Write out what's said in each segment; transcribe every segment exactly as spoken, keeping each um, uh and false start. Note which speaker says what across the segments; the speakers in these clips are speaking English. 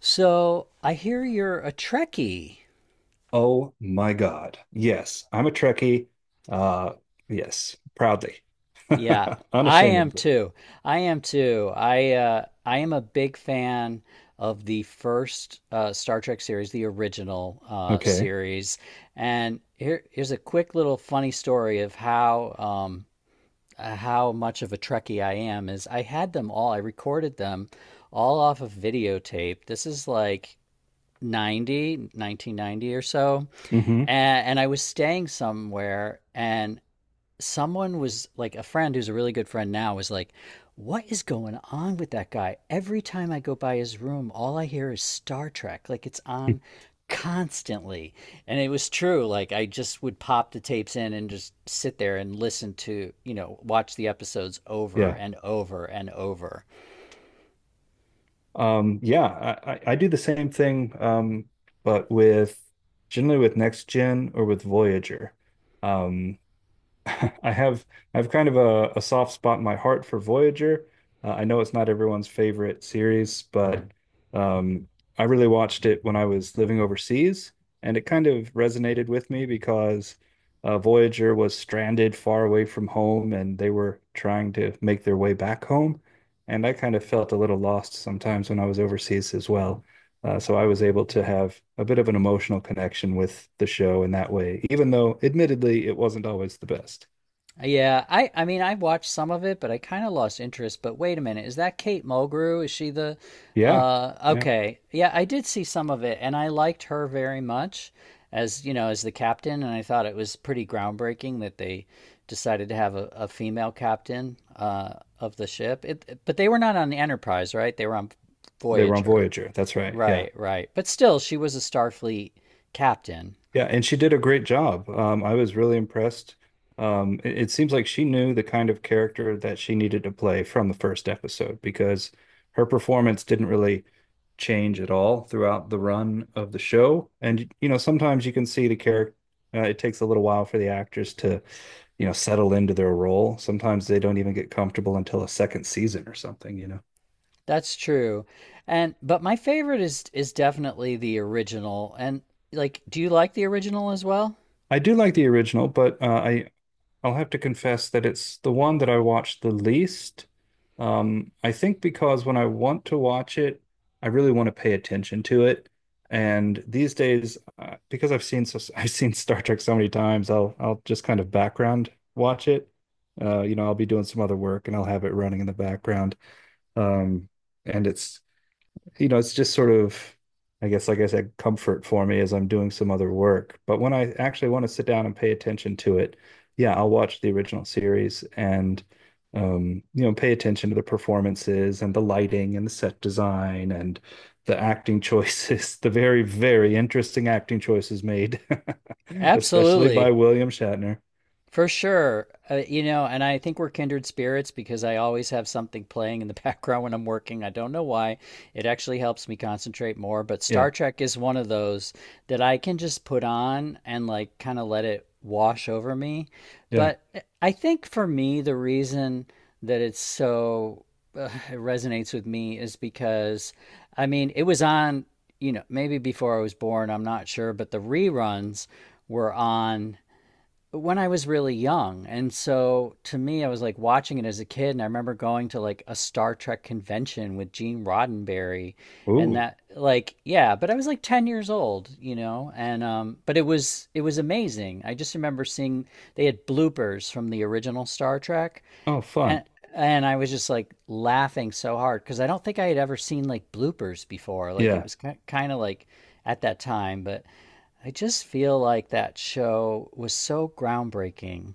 Speaker 1: So I hear you're a Trekkie.
Speaker 2: Oh my God. Yes, I'm a Trekkie. Uh, yes, proudly.
Speaker 1: Yeah, I am
Speaker 2: Unashamedly.
Speaker 1: too. I am too. I uh, I am a big fan of the first uh, Star Trek series, the original uh,
Speaker 2: Okay.
Speaker 1: series. And here, here's a quick little funny story of how um, uh, how much of a Trekkie I am. Is I had them all. I recorded them all off of videotape. This is like ninety, nineteen ninety or so.
Speaker 2: hmm
Speaker 1: And, and I was staying somewhere and someone was like a friend who's a really good friend now was like, "What is going on with that guy? Every time I go by his room, all I hear is Star Trek. Like it's on constantly." And it was true. Like I just would pop the tapes in and just sit there and listen to, you know, watch the episodes over
Speaker 2: Yeah.
Speaker 1: and over and over.
Speaker 2: Um, yeah, I, I I do the same thing, um, but with generally with Next Gen or with Voyager. Um, I have I have kind of a, a soft spot in my heart for Voyager. Uh, I know it's not everyone's favorite series, but um, I really watched it when I was living overseas, and it kind of resonated with me because uh, Voyager was stranded far away from home, and they were trying to make their way back home, and I kind of felt a little lost sometimes when I was overseas as well. Uh, so I was able to have a bit of an emotional connection with the show in that way, even though admittedly it wasn't always the best.
Speaker 1: Yeah, I I mean I watched some of it, but I kind of lost interest. But wait a minute, is that Kate Mulgrew? Is she the
Speaker 2: Yeah.
Speaker 1: uh,
Speaker 2: Yeah.
Speaker 1: okay. Yeah, I did see some of it and I liked her very much as, you know, as the captain, and I thought it was pretty groundbreaking that they decided to have a, a female captain uh, of the ship. It, but they were not on the Enterprise, right? They were on
Speaker 2: They were on
Speaker 1: Voyager.
Speaker 2: Voyager. That's right. Yeah.
Speaker 1: Right, right. But still she was a Starfleet captain.
Speaker 2: Yeah. And she did a great job. Um, I was really impressed. Um, it, it seems like she knew the kind of character that she needed to play from the first episode because her performance didn't really change at all throughout the run of the show. And, you know, sometimes you can see the character, uh, it takes a little while for the actors to, you know, settle into their role. Sometimes they don't even get comfortable until a second season or something, you know.
Speaker 1: That's true. And but my favorite is is definitely the original. And like, do you like the original as well?
Speaker 2: I do like the original, but uh, I I'll have to confess that it's the one that I watch the least. Um, I think because when I want to watch it, I really want to pay attention to it. And these days, uh, because I've seen so I've seen Star Trek so many times, I'll I'll just kind of background watch it. Uh, you know, I'll be doing some other work and I'll have it running in the background. Um, and it's you know, it's just sort of, I guess, like I said, comfort for me as I'm doing some other work. But when I actually want to sit down and pay attention to it, yeah, I'll watch the original series and, um, you know, pay attention to the performances and the lighting and the set design and the acting choices, the very, very interesting acting choices made, especially by
Speaker 1: Absolutely.
Speaker 2: William Shatner.
Speaker 1: For sure. Uh, you know, and I think we're kindred spirits because I always have something playing in the background when I'm working. I don't know why. It actually helps me concentrate more, but
Speaker 2: Yeah,
Speaker 1: Star Trek is one of those that I can just put on and like kind of let it wash over me.
Speaker 2: yeah.
Speaker 1: But eh, I think for me, the reason that it's so uh, it resonates with me is because, I mean, it was on, you know, maybe before I was born, I'm not sure, but the reruns were on when I was really young. And so to me, I was like watching it as a kid. And I remember going to like a Star Trek convention with Gene Roddenberry and
Speaker 2: Ooh,
Speaker 1: that like, yeah, but I was like ten years old, you know, and um but it was, it was amazing. I just remember seeing they had bloopers from the original Star Trek,
Speaker 2: oh, fun.
Speaker 1: and and I was just like laughing so hard because I don't think I had ever seen like bloopers before. Like it
Speaker 2: Yeah.
Speaker 1: was kind of like at that time, but I just feel like that show was so groundbreaking.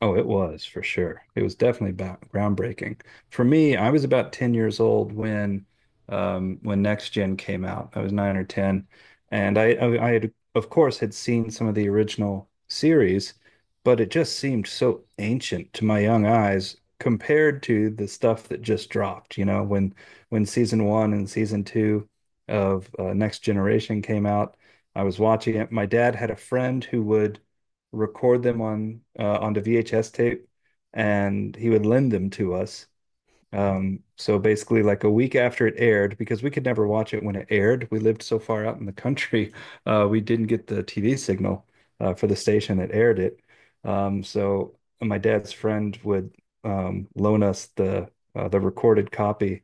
Speaker 2: Oh, it was for sure. It was definitely ba- groundbreaking. For me, I was about ten years old when um when Next Gen came out. I was nine or ten, and I I, I had of course had seen some of the original series, but it just seemed so ancient to my young eyes compared to the stuff that just dropped, you know, when when season one and season two of uh, Next Generation came out. I was watching it. My dad had a friend who would record them on uh, onto V H S tape, and he would lend them to us. Um, so basically, like a week after it aired, because we could never watch it when it aired, we lived so far out in the country, uh, we didn't get the T V signal uh, for the station that aired it. Um, so my dad's friend would um, loan us the uh, the recorded copy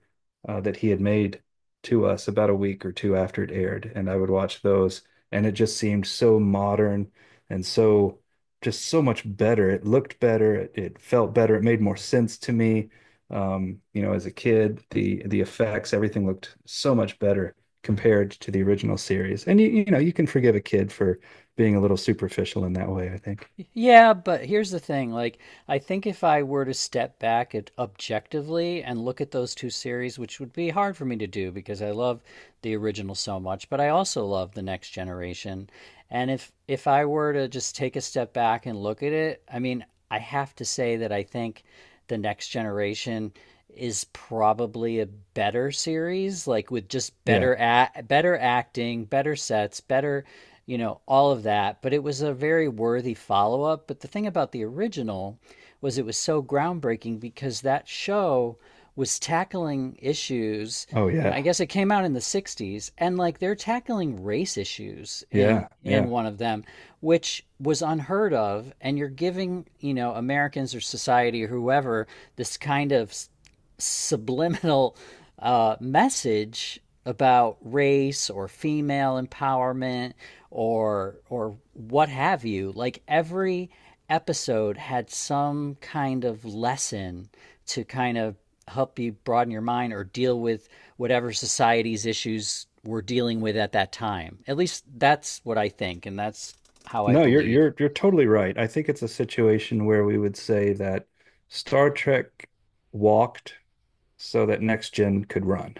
Speaker 2: uh, that he had made to us about a week or two after it aired, and I would watch those, and it just seemed so modern and so just so much better. It looked better, it, it felt better, it made more sense to me um, you know, as a kid, the the effects, everything looked so much better compared to the original series. And you, you know, you can forgive a kid for being a little superficial in that way, I think.
Speaker 1: Yeah, but here's the thing. Like, I think if I were to step back at objectively and look at those two series, which would be hard for me to do because I love the original so much, but I also love the next generation. And if if I were to just take a step back and look at it, I mean, I have to say that I think the next generation is probably a better series, like with just
Speaker 2: Yeah.
Speaker 1: better act, better acting, better sets, better, you know, all of that. But it was a very worthy follow up. But the thing about the original was it was so groundbreaking because that show was tackling issues.
Speaker 2: Oh
Speaker 1: You know, I
Speaker 2: yeah.
Speaker 1: guess it came out in the sixties, and like they're tackling race issues in
Speaker 2: Yeah.
Speaker 1: in
Speaker 2: Yeah.
Speaker 1: one of them, which was unheard of. And you're giving, you know, Americans or society or whoever this kind of subliminal uh, message about race or female empowerment or or what have you. Like every episode had some kind of lesson to kind of help you broaden your mind or deal with whatever society's issues we're dealing with at that time. At least that's what I think, and that's how I
Speaker 2: No, you're
Speaker 1: believe.
Speaker 2: you're you're totally right. I think it's a situation where we would say that Star Trek walked so that next gen could run.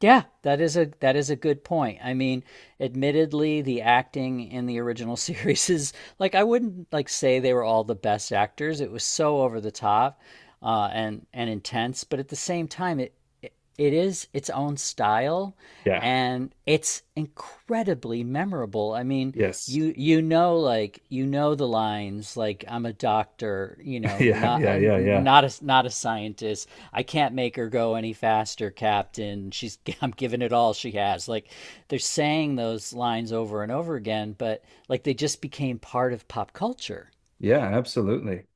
Speaker 1: Yeah, that is a, that is a good point. I mean, admittedly, the acting in the original series is like, I wouldn't like say they were all the best actors. It was so over the top uh, and and intense, but at the same time, it it, it is its own style,
Speaker 2: Yeah.
Speaker 1: and it's incredibly memorable. I mean,
Speaker 2: Yes.
Speaker 1: you you know like you know the lines like I'm a doctor, you know,
Speaker 2: Yeah.
Speaker 1: not
Speaker 2: Yeah. Yeah. Yeah.
Speaker 1: not a, not a scientist. I can't make her go any faster, captain. She's I'm giving it all she has. Like they're saying those lines over and over again, but like they just became part of pop culture.
Speaker 2: Yeah. Absolutely.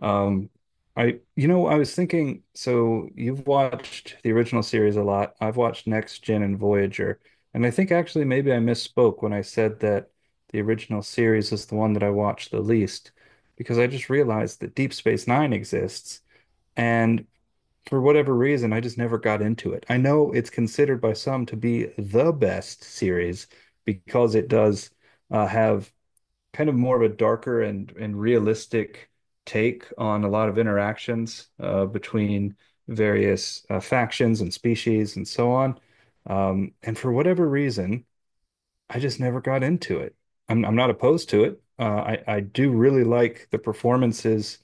Speaker 2: Um, I, you know, I was thinking, so you've watched the original series a lot. I've watched Next Gen and Voyager, and I think actually maybe I misspoke when I said that the original series is the one that I watched the least, because I just realized that Deep Space Nine exists, and for whatever reason, I just never got into it. I know it's considered by some to be the best series because it does uh, have kind of more of a darker and and realistic take on a lot of interactions uh, between various uh, factions and species and so on. Um, and for whatever reason, I just never got into it. I'm I'm not opposed to it. Uh, I I do really like the performances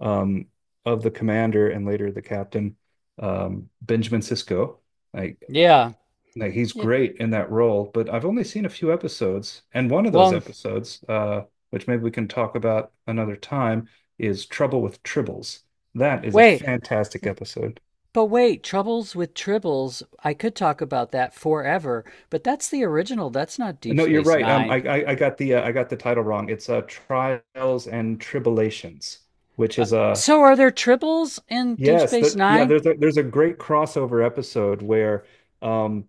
Speaker 2: um, of the commander and later the captain, um, Benjamin Sisko. Like
Speaker 1: Yeah.
Speaker 2: like he's
Speaker 1: Yeah.
Speaker 2: great in that role, but I've only seen a few episodes, and one of those
Speaker 1: Well,
Speaker 2: episodes, uh, which maybe we can talk about another time, is Trouble with Tribbles. That is a
Speaker 1: wait.
Speaker 2: fantastic episode.
Speaker 1: But wait, Troubles with Tribbles, I could talk about that forever, but that's the original. That's not Deep
Speaker 2: No, you're
Speaker 1: Space
Speaker 2: right. Um, I
Speaker 1: Nine.
Speaker 2: I, I got the uh, I got the title wrong. It's uh, Trials and Tribulations, which
Speaker 1: Uh,
Speaker 2: is a
Speaker 1: so are there Tribbles in Deep
Speaker 2: yes,
Speaker 1: Space
Speaker 2: that yeah.
Speaker 1: Nine?
Speaker 2: There's a there's a great crossover episode where um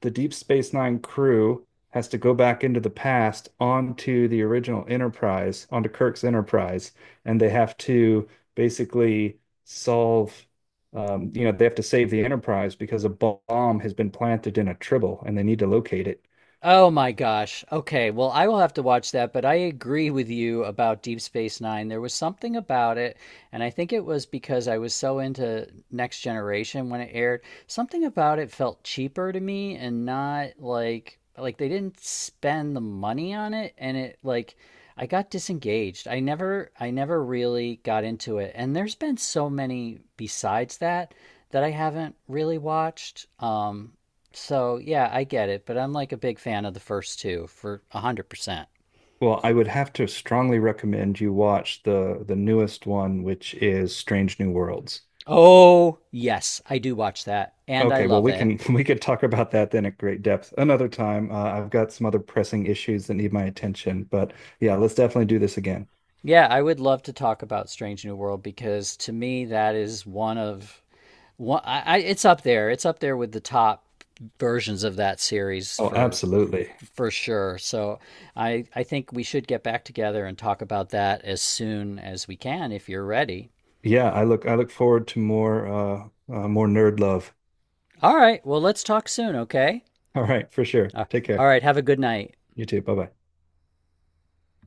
Speaker 2: the Deep Space Nine crew has to go back into the past onto the original Enterprise, onto Kirk's Enterprise, and they have to basically solve, um, you know, they have to save the Enterprise because a bomb has been planted in a tribble and they need to locate it.
Speaker 1: Oh my gosh. Okay. Well, I will have to watch that, but I agree with you about Deep Space Nine. There was something about it, and I think it was because I was so into Next Generation when it aired. Something about it felt cheaper to me and not like, like they didn't spend the money on it, and it like I got disengaged. I never I never really got into it. And there's been so many besides that that I haven't really watched. Um so yeah, I get it, but I'm like a big fan of the first two for a hundred percent.
Speaker 2: Well, I would have to strongly recommend you watch the the newest one, which is Strange New Worlds.
Speaker 1: Oh yes, I do watch that, and I
Speaker 2: Okay, well,
Speaker 1: love
Speaker 2: we
Speaker 1: it.
Speaker 2: can we could talk about that then at great depth another time. Uh, I've got some other pressing issues that need my attention, but yeah, let's definitely do this again.
Speaker 1: Yeah, I would love to talk about Strange New World because to me that is one of one. I, I it's up there. It's up there with the top versions of that series
Speaker 2: Oh,
Speaker 1: for
Speaker 2: absolutely.
Speaker 1: for sure. So I I think we should get back together and talk about that as soon as we can if you're ready.
Speaker 2: Yeah, I look I look forward to more uh, uh more nerd love.
Speaker 1: All right, well let's talk soon, okay?
Speaker 2: All right, for sure.
Speaker 1: Uh,
Speaker 2: Take
Speaker 1: All
Speaker 2: care.
Speaker 1: right, have a good night.
Speaker 2: You too. Bye-bye.